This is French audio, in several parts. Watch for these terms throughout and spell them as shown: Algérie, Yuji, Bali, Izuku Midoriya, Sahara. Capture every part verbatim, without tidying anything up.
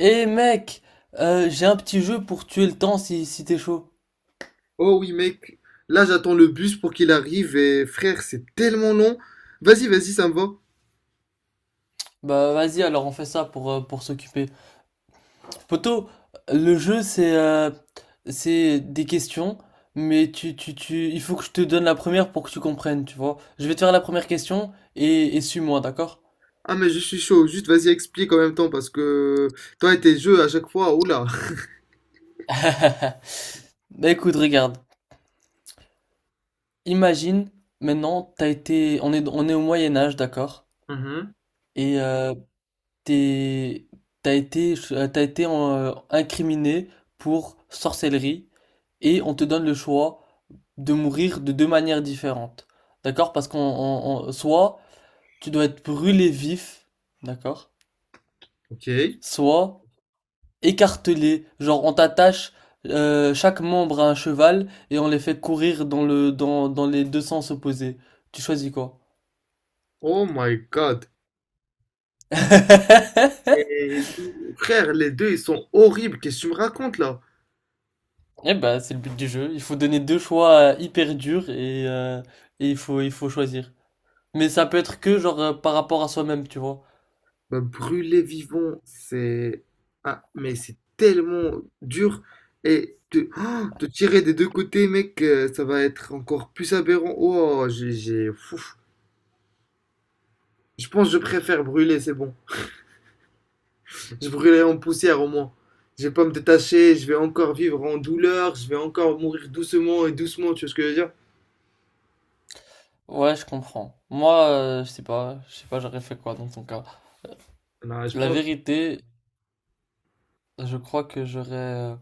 Eh mec, euh, j'ai un petit jeu pour tuer le temps si, si t'es chaud. Oh oui mec, là j'attends le bus pour qu'il arrive et frère c'est tellement long. Vas-y, vas-y, ça me va. Bah vas-y alors on fait ça pour, euh, pour s'occuper. Poto, le jeu c'est euh, c'est des questions, mais tu, tu, tu, il faut que je te donne la première pour que tu comprennes, tu vois. Je vais te faire la première question et, et suis-moi, d'accord? Ah mais je suis chaud, juste vas-y explique en même temps parce que toi et tes jeux à chaque fois, oula. Bah écoute, regarde. Imagine, maintenant, t'as été, on est, on est au Moyen Âge, d'accord? Mhm, Et euh, t'es, t'as été, euh, t'as été euh, incriminé pour sorcellerie et on te donne le choix de mourir de deux manières différentes. D'accord? Parce qu'on, on- on- soit tu dois être brûlé vif, d'accord? ok. Soit écartelé, genre on t'attache euh, chaque membre à un cheval et on les fait courir dans le, dans, dans les deux sens opposés. Tu choisis quoi? Oh my god. Et, frère, les deux ils sont horribles, qu'est-ce que tu me racontes là? Eh ben, c'est le but du jeu. Il faut donner deux choix euh, hyper durs et, euh, et il faut, il faut choisir. Mais ça peut être que genre euh, par rapport à soi-même, tu vois. Bah, brûler vivant, c'est... Ah mais c'est tellement dur et te, oh, te tirer des deux côtés mec, euh, ça va être encore plus aberrant. Oh j'ai... j'ai- Fouf. Je pense que je préfère brûler, c'est bon. Je brûlerai en poussière au moins. Je vais pas me détacher, je vais encore vivre en douleur, je vais encore mourir doucement et doucement, tu vois ce que je veux dire? Ouais, je comprends. Moi, euh, je sais pas, je sais pas, j'aurais fait quoi dans ton cas. Non, je La pense. vérité, je crois que j'aurais euh,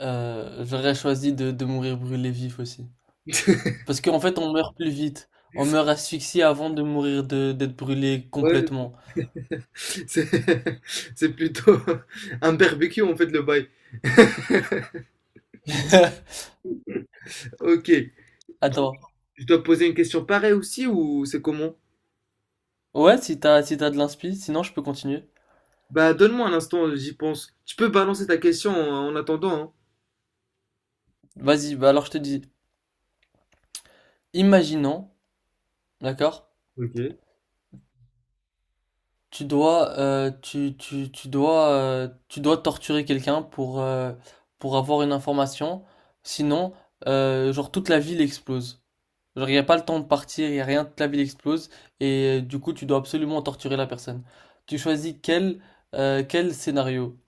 euh, j'aurais choisi de, de mourir brûlé vif aussi. Parce qu'en fait, on meurt plus vite. On meurt asphyxié avant de mourir de d'être brûlé Ouais, complètement. c'est c'est plutôt un barbecue en fait le bail. Ok, Attends. je dois poser une question pareille aussi ou c'est comment? Ouais, si t'as si t'as de l'inspi, sinon je peux continuer. Bah donne-moi un instant, j'y pense. Tu peux balancer ta question en, en attendant, hein. Vas-y, bah alors je te dis, imaginons, d'accord? Ok. Tu dois, euh, tu, tu, tu dois, euh, tu dois torturer quelqu'un pour, euh, pour avoir une information. Sinon, euh, genre toute la ville explose. Genre, il n'y a pas le temps de partir, il n'y a rien, toute la ville explose. Et euh, du coup, tu dois absolument torturer la personne. Tu choisis quel, euh, quel scénario.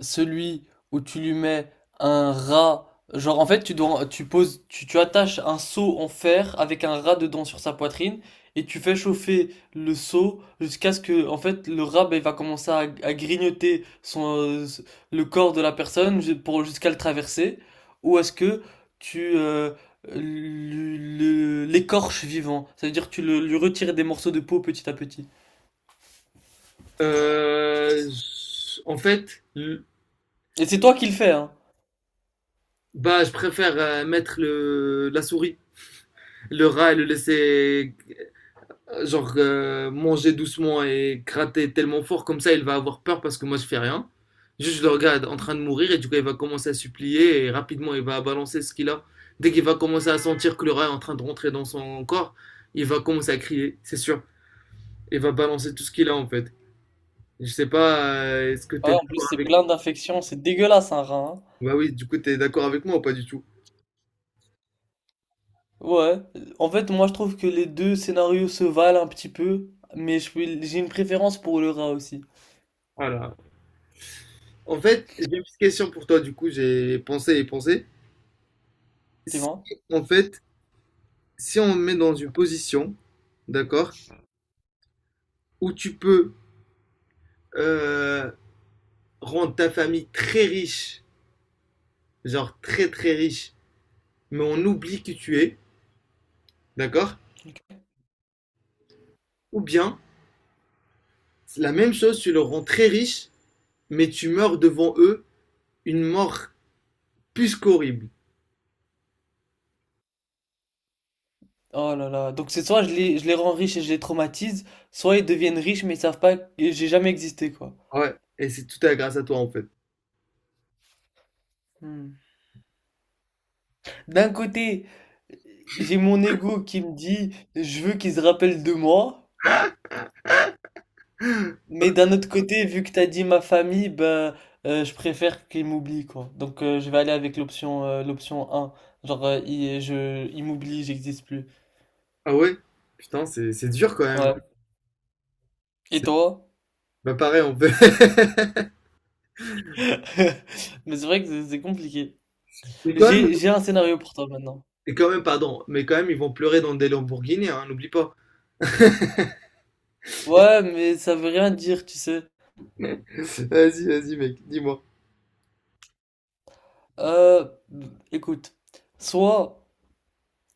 Celui où tu lui mets un rat, genre en fait tu dois, tu poses, tu, tu attaches un seau en fer avec un rat dedans sur sa poitrine et tu fais chauffer le seau jusqu'à ce que en fait le rat ben, il va commencer à, à grignoter son, euh, le corps de la personne ju- pour jusqu'à le traverser ou est-ce que tu euh, le- le- l'écorches vivant, ça veut dire que tu le- lui retires des morceaux de peau petit à petit. Euh, je- en fait, l- Et c'est toi qui le fais hein. bah je préfère euh, mettre le, la souris. Le rat et le laisser euh, genre euh, manger doucement et gratter tellement fort comme ça il va avoir peur parce que moi je fais rien. Juste je le regarde en train de mourir et du coup il va commencer à supplier et rapidement il va balancer ce qu'il a. Dès qu'il va commencer à sentir que le rat est en train de rentrer dans son corps, il va commencer à crier, c'est sûr. Il va balancer tout ce qu'il a en fait. Je sais pas, euh, est-ce que Ouais, t'es en plus d'accord c'est avec... plein d'infections, c'est dégueulasse un rat hein. Bah oui, du coup t'es d'accord avec moi ou pas du tout? Ouais, en fait, moi je trouve que les deux scénarios se valent un petit peu, mais je peux- j'ai une préférence pour le rat aussi, Voilà. En fait, j'ai une petite question pour toi du coup, j'ai pensé et pensé. tu Si vois? en fait si on te met dans une position, d'accord, où tu peux euh, rendre ta famille très riche, genre très très riche, mais on oublie qui tu es, d'accord. Ou bien, c'est la même chose, tu le rends très riche, mais tu meurs devant eux une mort plus qu'horrible. Oh là là, donc c'est soit je les, je les rends riches et je les traumatise, soit ils deviennent riches mais ils savent pas que j'ai jamais existé, quoi. Ah ouais, et c'est tout à grâce à toi en fait. Hmm. D'un côté, j'ai mon ego qui me dit je veux qu'ils se rappellent de moi, mais d'un autre côté, vu que t'as dit ma famille, ben euh, je préfère qu'ils m'oublient, quoi. Donc euh, je vais aller avec l'option euh, l'option un genre euh, ils, je, ils m'oublient, j'existe plus. Ah ouais, putain, c'est c'est dur quand même. Ouais. Et C'est toi? bah, pareil, on peut. Mais c'est vrai que c'est c'est compliqué. Mais quand même, J'ai, j'ai un scénario pour toi maintenant. et quand même, pardon, mais quand même, ils vont pleurer dans des Lamborghini, hein, n'oublie pas. Ouais, mais ça veut rien dire, tu sais. Vas-y, vas-y, mec, dis-moi. Euh, écoute. Soit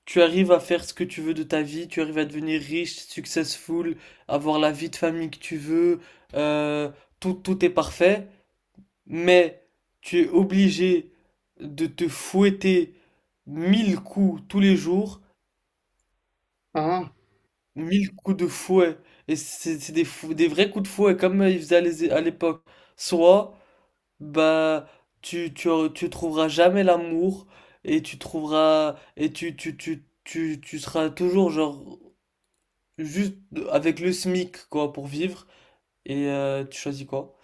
tu arrives à faire ce que tu veux de ta vie, tu arrives à devenir riche, successful, avoir la vie de famille que tu veux, euh, tout, tout est parfait, mais tu es obligé de te fouetter mille coups tous les jours. Ah, Mille coups de fouet. Et c'est c'est des, fou- des vrais coups de fouet comme euh, ils faisaient à l'és- à l'époque. Soit, bah, tu, tu, tu trouveras jamais l'amour et tu trouveras, et tu, tu, tu, tu, tu seras toujours genre juste avec le SMIC quoi pour vivre. Et euh, tu choisis quoi?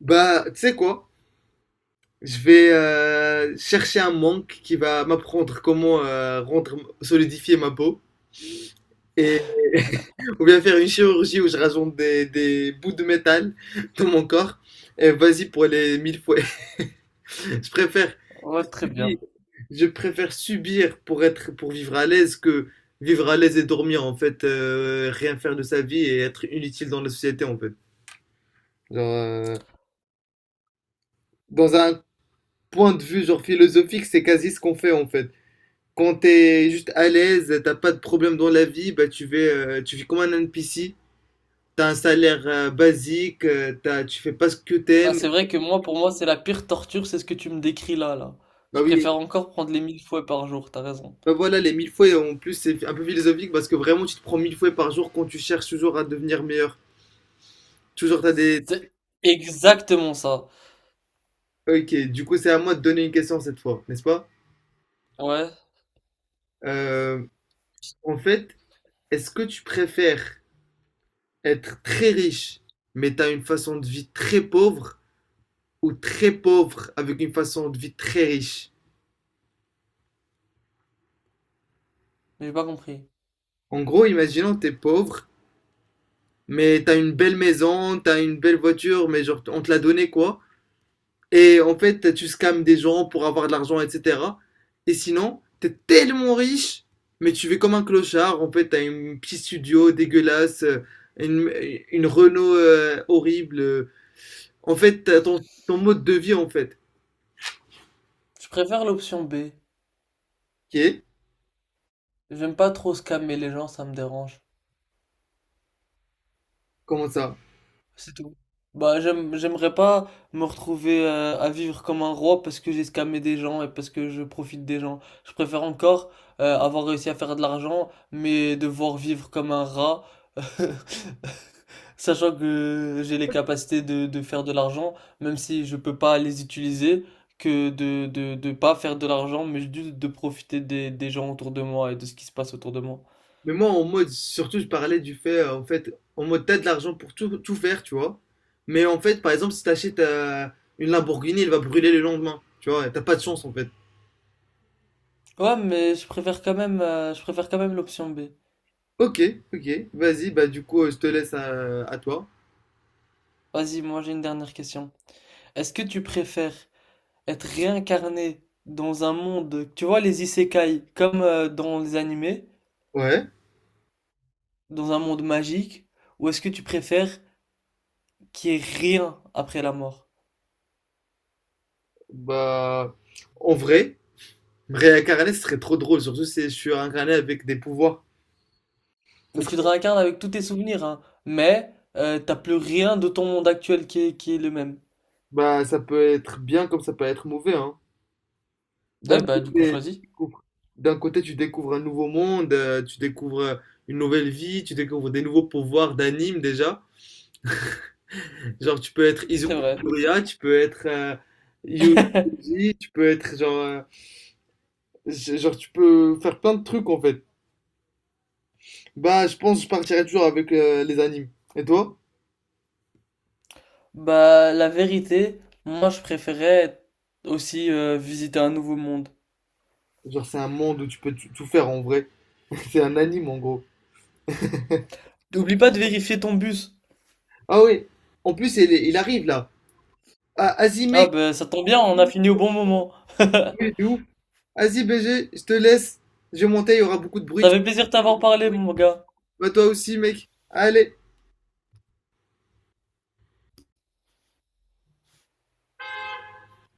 bah, tu sais quoi? Je vais euh, chercher un monk qui va m'apprendre comment euh, rendre, solidifier ma peau. Et on vient faire une chirurgie où je rajoute des, des bouts de métal dans mon corps. Et vas-y pour les mille fois. Je préfère, Ouais, très bien. je préfère subir pour être, pour vivre à l'aise que vivre à l'aise et dormir en fait, euh, rien faire de sa vie et être inutile dans la société en fait. Genre, euh, dans un point de vue genre philosophique, c'est quasi ce qu'on fait en fait. Quand t'es juste à l'aise, t'as pas de problème dans la vie, bah tu vis, euh, tu vis comme un N P C. T'as un salaire euh, basique, euh, t'as, tu fais pas ce que Ah, t'aimes. c'est vrai que moi, pour moi, c'est la pire torture, c'est ce que tu me décris là, là. Bah Je oui, préfère encore prendre les mille fouets par jour, t'as raison. bah voilà, les mille fois, et en plus, c'est un peu philosophique parce que vraiment, tu te prends mille fois par jour quand tu cherches toujours à devenir meilleur. Toujours, t'as des. C'est exactement ça. Ok, du coup, c'est à moi de donner une question cette fois, n'est-ce pas? Ouais, Euh, en fait, est-ce que tu préfères être très riche, mais t'as une façon de vie très pauvre, ou très pauvre avec une façon de vie très riche? mais j'ai pas compris. En gros, imaginons t'es pauvre, mais t'as une belle maison, t'as une belle voiture, mais genre on te l'a donnée quoi. Et en fait, tu scams des gens pour avoir de l'argent, et cetera. Et sinon, t'es tellement riche, mais tu vis comme un clochard. En fait, t'as une petite studio dégueulasse, euh, une, une Renault euh, horrible. euh. En fait, t'as ton, ton mode de vie en fait. Je préfère l'option B. Ok? J'aime pas trop scammer les gens, ça me dérange. Comment ça? C'est tout. Bah, j'aime, j'aimerais pas me retrouver euh, à vivre comme un roi parce que j'ai scammé des gens et parce que je profite des gens. Je préfère encore euh, avoir réussi à faire de l'argent, mais devoir vivre comme un rat, sachant que j'ai les capacités de, de faire de l'argent, même si je peux pas les utiliser, que de, de, de pas faire de l'argent, mais juste de profiter des, des gens autour de moi et de ce qui se passe autour de moi. Mais moi, en mode, surtout, je parlais du fait, euh, en fait, en mode, t'as de l'argent pour tout, tout faire, tu vois. Mais en fait, par exemple, si t'achètes euh, une Lamborghini, elle va brûler le lendemain, tu vois. T'as pas de chance, en fait. Ouais, mais je préfère quand même, euh, je préfère quand même l'option B. Ok, ok, vas-y, bah du coup, euh, je te laisse à, à toi. Vas-y, moi j'ai une dernière question. Est-ce que tu préfères être réincarné dans un monde, tu vois, les isekai, comme euh, dans les animés, Ouais, dans un monde magique, ou est-ce que tu préfères qu'il y ait rien après la mort? bah, en vrai, me réincarner, ce serait trop drôle, surtout si je suis incarné avec des pouvoirs. Ça Mais tu te serait- réincarnes avec tous tes souvenirs, hein, mais euh, t'as plus rien de ton monde actuel qui est, qui est le même. bah, ça peut être bien comme ça peut être mauvais, hein. Ah D'un oui, bah côté, du coup tu choisis. découvres, d'un côté, tu découvres un nouveau monde, euh, tu découvres euh, une nouvelle vie, tu découvres des nouveaux pouvoirs d'anime déjà. Genre, tu peux être C'est Izuku vrai. Midoriya, tu peux être euh, Yuji, tu peux être genre, euh, g- genre, tu peux faire plein de trucs en fait. Bah, je pense que je partirais toujours avec euh, les animes. Et toi? Bah, la vérité, moi je préférais aussi euh, visiter un nouveau monde. Genre, c'est un monde où tu peux tu- tout faire en vrai. C'est un anime en gros. Oublie pas de vérifier ton bus. Ah oui, en plus, il, est- il arrive là. Ah, Azime, Ah ben ça tombe bien, on a fini au bon moment. de ouf. Asie B G, je te laisse. Je vais monter, il y aura beaucoup de Ça bruit. fait plaisir de t'avoir parlé, mon gars. Bah toi aussi mec. Allez.